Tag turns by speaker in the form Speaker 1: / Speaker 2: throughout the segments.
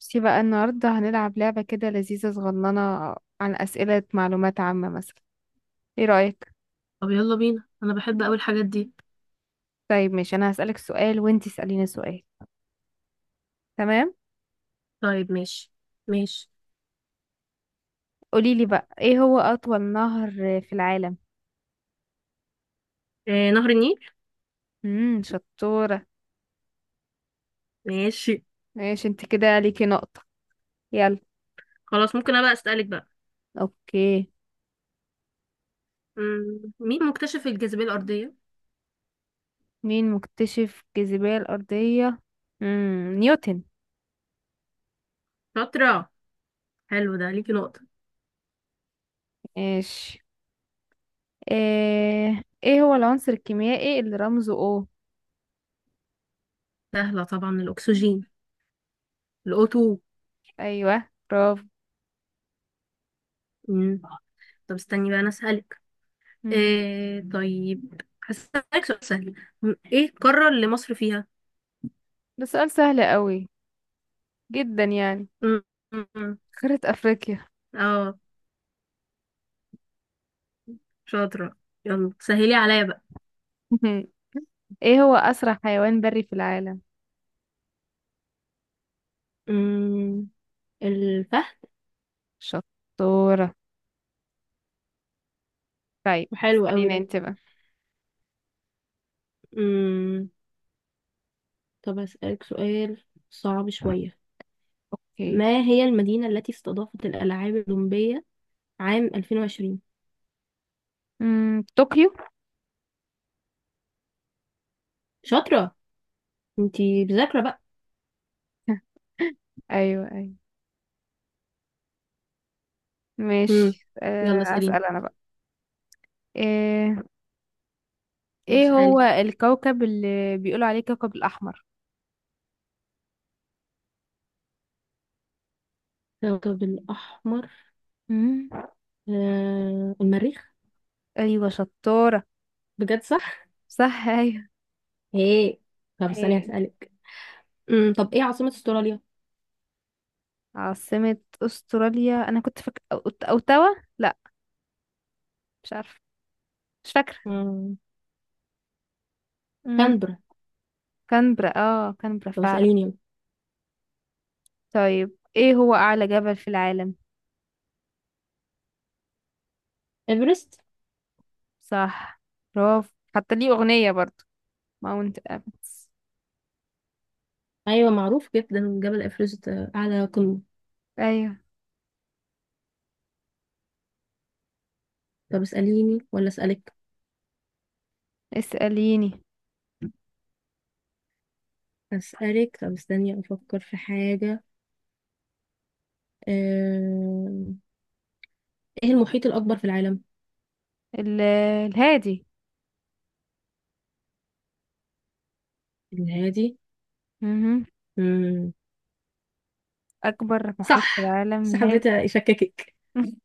Speaker 1: بصي بقى النهاردة هنلعب لعبة كده لذيذة صغننة عن أسئلة معلومات عامة مثلا. ايه رأيك؟
Speaker 2: طب يلا بينا، انا بحب اوي الحاجات دي.
Speaker 1: طيب ماشي، أنا هسألك سؤال وانتي اسأليني سؤال. تمام؟
Speaker 2: طيب ماشي، ماشي.
Speaker 1: قوليلي بقى ايه هو أطول نهر في العالم؟
Speaker 2: آه، نهر النيل.
Speaker 1: شطورة.
Speaker 2: ماشي.
Speaker 1: ماشي، انت كده ليكي نقطة. يلا.
Speaker 2: خلاص، ممكن انا بقى اسالك بقى.
Speaker 1: اوكي.
Speaker 2: مين مكتشف الجاذبيه الارضيه؟
Speaker 1: مين مكتشف الجاذبية الأرضية؟ نيوتن.
Speaker 2: شاطره. حلو، ده ليكي نقطه.
Speaker 1: ماشي. ايه هو العنصر الكيميائي اللي رمزه O؟
Speaker 2: سهله طبعا، الاكسجين. الاوتو.
Speaker 1: ايوه برافو.
Speaker 2: مم. طب استني بقى انا اسالك.
Speaker 1: مم،
Speaker 2: آه طيب هسالك سؤال سهل. ايه القاره اللي مصر فيها؟
Speaker 1: ده سؤال سهل قوي جدا يعني.
Speaker 2: مم، مم، مم.
Speaker 1: قارة أفريقيا.
Speaker 2: اه شاطره. يلا سهلي عليا بقى.
Speaker 1: ايه هو أسرع حيوان بري في العالم؟
Speaker 2: مم، الفهد.
Speaker 1: شطورة. طيب
Speaker 2: حلو قوي
Speaker 1: اسأليني انت بقى.
Speaker 2: ده. طب أسألك سؤال صعب شوية.
Speaker 1: اوكي.
Speaker 2: ما هي المدينة التي استضافت الألعاب الأولمبية عام 2020؟
Speaker 1: طوكيو.
Speaker 2: شاطرة، انتي مذاكرة بقى.
Speaker 1: ايوه ايوه.
Speaker 2: مم.
Speaker 1: ماشي،
Speaker 2: يلا اسأليني
Speaker 1: أسأل انا بقى. ايه ايه هو
Speaker 2: واسألي.
Speaker 1: الكوكب اللي بيقولوا عليه كوكب الأحمر؟
Speaker 2: الكوكب الأحمر.
Speaker 1: مم.
Speaker 2: آه، المريخ.
Speaker 1: ايوه شطورة.
Speaker 2: بجد صح؟
Speaker 1: صح ايوه.
Speaker 2: ايه. طب استني
Speaker 1: ايه
Speaker 2: هسألك. مم. طب ايه عاصمة استراليا؟
Speaker 1: عاصمة استراليا؟ انا كنت فاكرة اوتاوا، لا، مش عارفة، مش فاكرة.
Speaker 2: مم.
Speaker 1: مم.
Speaker 2: كانبرا.
Speaker 1: كانبرا، اه، كانبرا
Speaker 2: طب
Speaker 1: فعلا.
Speaker 2: اسأليني يلا.
Speaker 1: طيب ايه هو اعلى جبل في العالم؟
Speaker 2: ايفرست.
Speaker 1: صح. برافو، حتى ليه اغنية برضو، ماونت ابس.
Speaker 2: ايوه معروف جدا جبل ايفرست، اعلى قمة.
Speaker 1: ايوه.
Speaker 2: طب اسأليني ولا اسألك؟
Speaker 1: اسأليني.
Speaker 2: أسألك. طب استني أفكر في حاجة. آم، ايه المحيط الأكبر في العالم؟
Speaker 1: الهادي.
Speaker 2: الهادي.
Speaker 1: مهم.
Speaker 2: مم.
Speaker 1: اكبر محيط في
Speaker 2: صح
Speaker 1: العالم
Speaker 2: بس حبيت
Speaker 1: الهادي.
Speaker 2: أشككك.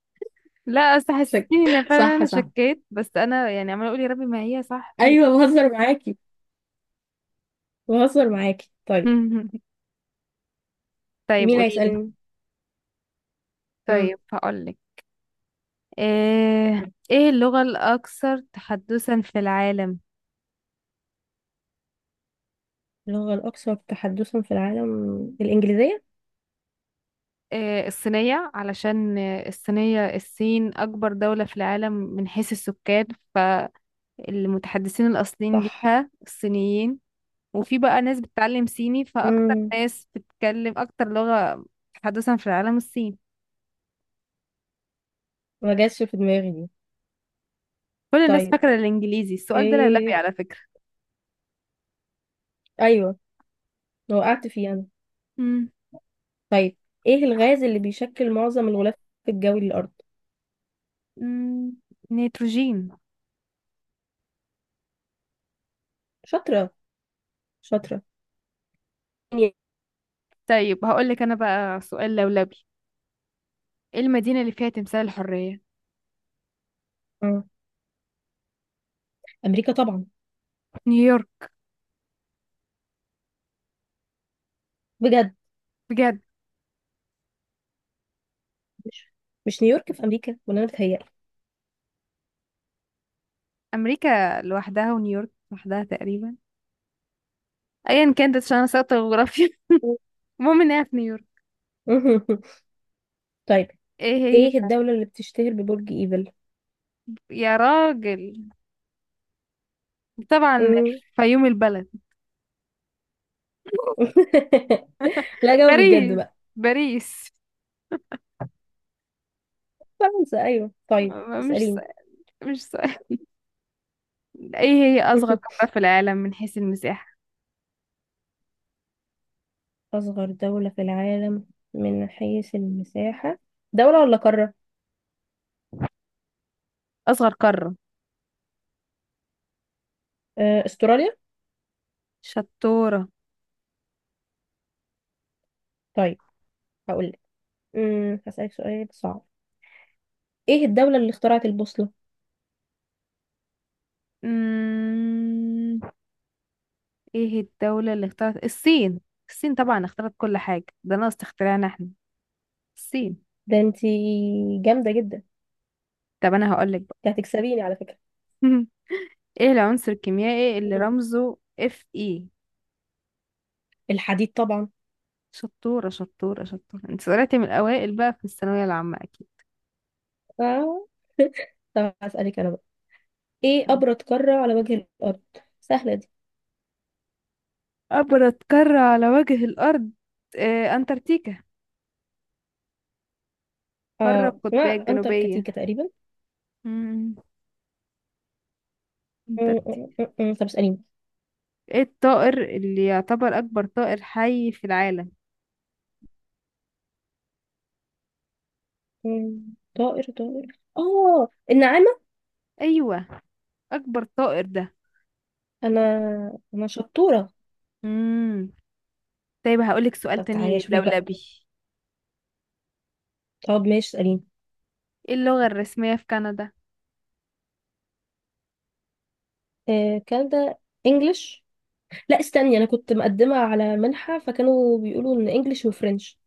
Speaker 1: لا، اصل
Speaker 2: شك...
Speaker 1: حسيتيني ان فعلا
Speaker 2: صح،
Speaker 1: انا
Speaker 2: صح.
Speaker 1: شكيت، بس انا يعني عماله اقول يا ربي ما هي صح في.
Speaker 2: أيوة بهزر معاكي، بهزر معاكي. طيب،
Speaker 1: طيب
Speaker 2: مين
Speaker 1: قولي لي.
Speaker 2: هيسألني؟ مم.
Speaker 1: طيب هقول لك. ايه اللغة الاكثر تحدثا في العالم؟
Speaker 2: اللغة الأكثر تحدثا في العالم، الإنجليزية؟
Speaker 1: الصينية، علشان الصين أكبر دولة في العالم من حيث السكان، فالمتحدثين الأصليين
Speaker 2: صح.
Speaker 1: ليها الصينيين. وفي بقى ناس بتتعلم صيني، فأكتر
Speaker 2: مم.
Speaker 1: ناس بتتكلم أكتر لغة تحدثا في العالم الصين.
Speaker 2: ما جاتش في دماغي دي.
Speaker 1: كل الناس
Speaker 2: طيب.
Speaker 1: فاكرة الإنجليزي. السؤال ده لولبي
Speaker 2: ايه.
Speaker 1: على فكرة.
Speaker 2: أيوة، وقعت فيه أنا.
Speaker 1: مم.
Speaker 2: طيب، ايه الغاز اللي بيشكل معظم الغلاف الجوي للأرض؟
Speaker 1: مم. نيتروجين.
Speaker 2: شاطرة، شاطرة.
Speaker 1: طيب هقولك أنا بقى سؤال لولبي. إيه المدينة اللي فيها تمثال الحرية؟
Speaker 2: مم. أمريكا طبعا.
Speaker 1: نيويورك.
Speaker 2: بجد.
Speaker 1: بجد.
Speaker 2: مش مش نيويورك في امريكا، ولا انا بتهيألي؟
Speaker 1: أمريكا لوحدها ونيويورك لوحدها تقريبا، ايا كانت، عشان انا ساقطة جغرافيا. المهم انها في نيويورك.
Speaker 2: طيب،
Speaker 1: ايه هي.
Speaker 2: ايه الدولة اللي بتشتهر ببرج ايفل؟
Speaker 1: يا راجل، طبعا،
Speaker 2: مم.
Speaker 1: فيوم البلد.
Speaker 2: لا، جاوبي بجد
Speaker 1: باريس.
Speaker 2: بقى.
Speaker 1: باريس.
Speaker 2: فرنسا، ايوه، طيب
Speaker 1: مش
Speaker 2: اسأليني.
Speaker 1: سهل. مش سهل. ايه هي اصغر قارة في العالم من حيث المساحة؟
Speaker 2: اصغر دولة في العالم من حيث المساحة، دولة ولا قارة؟
Speaker 1: اصغر قارة.
Speaker 2: آه، استراليا.
Speaker 1: شطورة.
Speaker 2: طيب هقولك. هسألك سؤال صعب. ايه الدولة اللي اخترعت البوصلة؟
Speaker 1: أمم، ايه الدولة اللي اخترعت؟ الصين. الصين طبعا اخترعت كل حاجة، ده ناقص اختراعنا احنا. الصين.
Speaker 2: ده انتي جامدة جدا.
Speaker 1: طب انا هقولك بقى.
Speaker 2: انتي هتكسبيني على فكرة.
Speaker 1: ايه العنصر الكيميائي اللي
Speaker 2: مم.
Speaker 1: رمزه اف اي؟
Speaker 2: الحديد طبعا.
Speaker 1: شطورة شطورة شطورة، انت طلعتي من الأوائل بقى في الثانوية العامة أكيد.
Speaker 2: آه. طب هسألك انا بقى. ايه ابرد قارة على وجه الارض؟ سهلة دي.
Speaker 1: أبرد قارة على وجه الأرض. أنتاركتيكا. قارة
Speaker 2: اه، اسمها
Speaker 1: القطبية الجنوبية.
Speaker 2: انتاركتيكا تقريبا.
Speaker 1: مم.
Speaker 2: م-
Speaker 1: انتاركتيكا.
Speaker 2: م- م- م. طب اسأليني.
Speaker 1: ايه الطائر اللي يعتبر أكبر طائر حي في العالم؟
Speaker 2: م- طائر، النعامة.
Speaker 1: أيوة. أكبر طائر ده.
Speaker 2: انا انا شطورة.
Speaker 1: مم. طيب هقولك سؤال
Speaker 2: طب تعالي
Speaker 1: تاني
Speaker 2: اشوفك بقى.
Speaker 1: لولبي.
Speaker 2: طب ماشي اسأليني.
Speaker 1: ايه اللغة الرسمية في كندا؟
Speaker 2: آه كان ده. انجلش. لا استني، انا كنت مقدمة على منحة فكانوا بيقولوا ان انجلش وفرنش.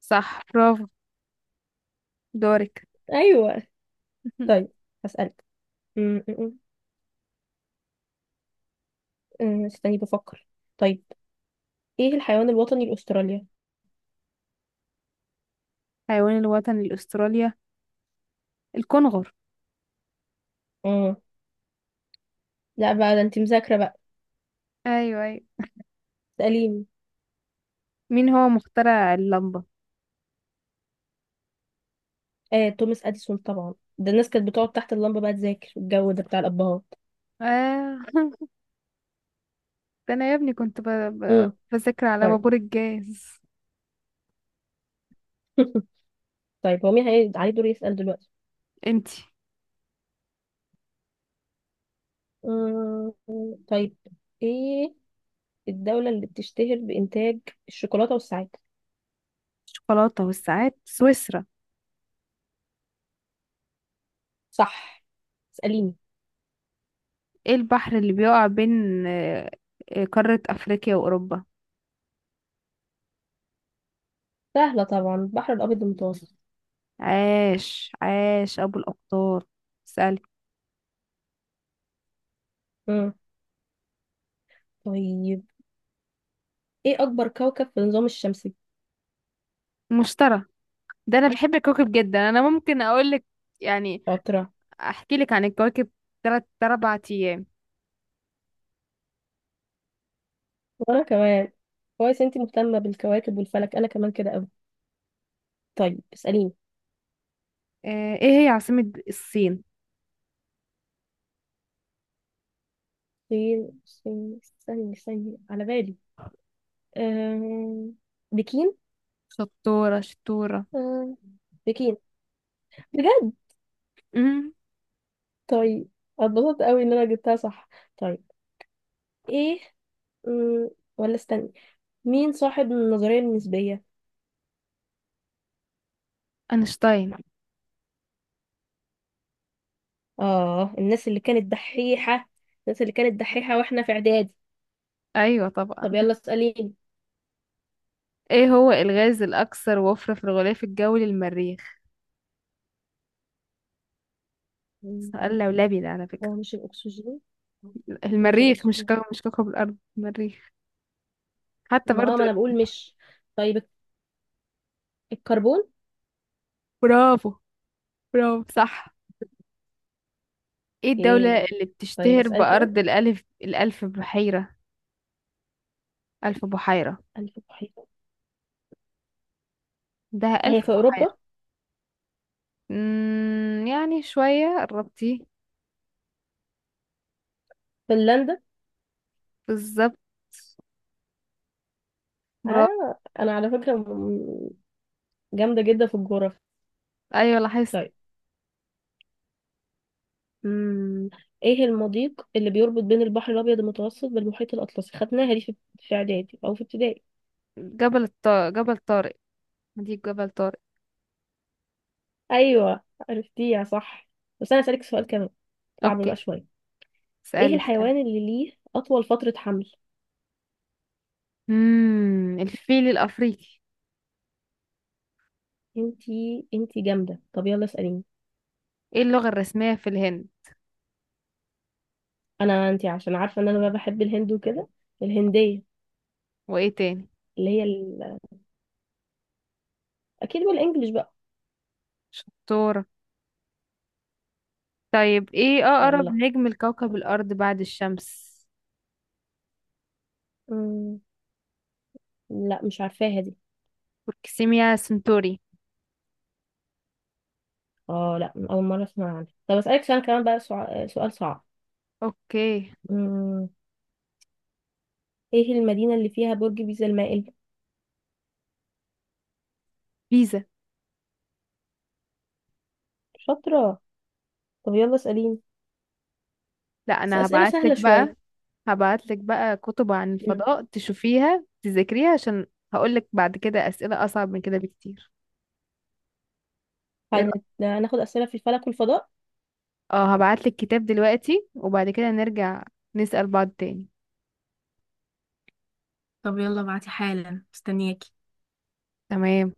Speaker 1: صح برافو. دورك.
Speaker 2: ايوه، طيب هسألك. م- م- م. استني بفكر. طيب، ايه الحيوان الوطني لاستراليا؟
Speaker 1: حيوان الوطني لأستراليا، الكنغر.
Speaker 2: اه لا بقى، ده انت مذاكرة بقى.
Speaker 1: أيوة أيوة.
Speaker 2: اسأليني.
Speaker 1: مين هو مخترع اللمبة؟
Speaker 2: آه، توماس اديسون طبعا. ده الناس كانت بتقعد تحت اللمبه بقى تذاكر، الجو ده بتاع الابهات.
Speaker 1: آه. ده انا يا ابني كنت
Speaker 2: امم
Speaker 1: بذاكر على
Speaker 2: طيب.
Speaker 1: بابور الجاز.
Speaker 2: طيب، هو مين عليه دور يسأل دلوقتي؟
Speaker 1: انتي.
Speaker 2: أمم، طيب، ايه الدولة اللي بتشتهر بإنتاج الشوكولاتة والساعات؟
Speaker 1: الشوكولاتة والساعات سويسرا.
Speaker 2: صح. اسأليني.
Speaker 1: ايه البحر اللي بيقع بين قارة افريقيا واوروبا؟
Speaker 2: سهلة طبعا، البحر الأبيض المتوسط.
Speaker 1: عاش عاش ابو الاقطار. اسألي.
Speaker 2: امم طيب، ايه أكبر كوكب في النظام الشمسي؟
Speaker 1: مشتري. ده انا بحب الكواكب جدا، انا ممكن اقول لك يعني،
Speaker 2: شاطرة.
Speaker 1: احكي لك عن الكواكب تلات اربع ايام.
Speaker 2: وأنا كمان. كويس انتي مهتمة بالكواكب والفلك، أنا كمان كده أوي. طيب اسأليني.
Speaker 1: ايه هي عاصمة الصين؟
Speaker 2: سين سين استني، استني على بالي. آم، بكين.
Speaker 1: شطورة شطورة.
Speaker 2: آم، بكين. بجد.
Speaker 1: امم.
Speaker 2: طيب، اتبسطت قوي ان انا جبتها صح. طيب، ايه. مم، ولا استني. مين صاحب النظرية النسبية؟
Speaker 1: اينشتاين.
Speaker 2: اه، الناس اللي كانت دحيحة. الناس اللي كانت دحيحة واحنا في اعدادي.
Speaker 1: ايوه طبعا.
Speaker 2: طب يلا اسأليني.
Speaker 1: ايه هو الغاز الاكثر وفرة في الغلاف الجوي للمريخ؟ سؤال
Speaker 2: مم،
Speaker 1: لولبي ده على فكرة.
Speaker 2: هو مش الاكسجين؟ مش
Speaker 1: المريخ مش
Speaker 2: الاكسجين.
Speaker 1: كوكب، مش كوكب الارض المريخ، حتى
Speaker 2: ما
Speaker 1: برضو.
Speaker 2: اه ما انا بقول مش. طيب، الكربون.
Speaker 1: برافو. برافو صح. ايه
Speaker 2: ايه.
Speaker 1: الدولة اللي
Speaker 2: طيب
Speaker 1: بتشتهر
Speaker 2: اسألك انا.
Speaker 1: بأرض الألف بحيرة؟ ألف بحيرة.
Speaker 2: ألف بحيرة.
Speaker 1: ده ألف
Speaker 2: هي في
Speaker 1: بحيرة.
Speaker 2: اوروبا؟
Speaker 1: يعني شوية قربتي.
Speaker 2: فنلندا.
Speaker 1: بالظبط. برافو.
Speaker 2: آه، أنا على فكرة جامدة جدا في الجغرافيا.
Speaker 1: أيوة لاحظت.
Speaker 2: طيب. مم. إيه المضيق اللي بيربط بين البحر الأبيض المتوسط بالمحيط الأطلسي؟ خدناها دي في إعدادي أو في ابتدائي.
Speaker 1: جبل الطارق، جبل طارق. دي جبل طارق.
Speaker 2: أيوة، عرفتيها صح. بس أنا هسألك سؤال كمان، صعب بقى
Speaker 1: أوكي.
Speaker 2: شوية. إيه
Speaker 1: اسألي اسألي.
Speaker 2: الحيوان اللي ليه أطول فترة حمل؟
Speaker 1: الفيل الأفريقي.
Speaker 2: انتي جامدة. طب يلا اسأليني.
Speaker 1: ايه اللغة الرسمية في الهند؟
Speaker 2: انتي عشان عارفة إن أنا بقى بحب الهند وكده. الهندية.
Speaker 1: وايه تاني؟
Speaker 2: اللي هي أكيد بالإنجلش بقى.
Speaker 1: شطورة. طيب ايه اقرب
Speaker 2: يلا.
Speaker 1: نجم لكوكب الارض بعد الشمس؟
Speaker 2: مم. لا، مش عارفاها دي.
Speaker 1: بروكسيميا سنتوري.
Speaker 2: اه لا، أول مرة أسمع عنها. طب أسألك سؤال كمان بقى، سؤال صعب.
Speaker 1: اوكي.
Speaker 2: مم. إيه المدينة اللي فيها برج بيزا المائل؟
Speaker 1: بيزا.
Speaker 2: شاطرة. طب يلا اسأليني.
Speaker 1: لا
Speaker 2: بس
Speaker 1: انا
Speaker 2: أسئلة سهلة
Speaker 1: هبعتلك
Speaker 2: شوية.
Speaker 1: بقى. هبعتلك بقى كتب عن
Speaker 2: مم.
Speaker 1: الفضاء تشوفيها تذاكريها، عشان هقولك بعد كده اسئلة اصعب من كده بكتير. ايه رأيك؟
Speaker 2: هناخد أسئلة في الفلك والفضاء.
Speaker 1: اه هبعتلك كتاب دلوقتي، وبعد كده نرجع نسأل بعض تاني.
Speaker 2: طب يلا بعتي حالا، مستنياكي.
Speaker 1: تمام.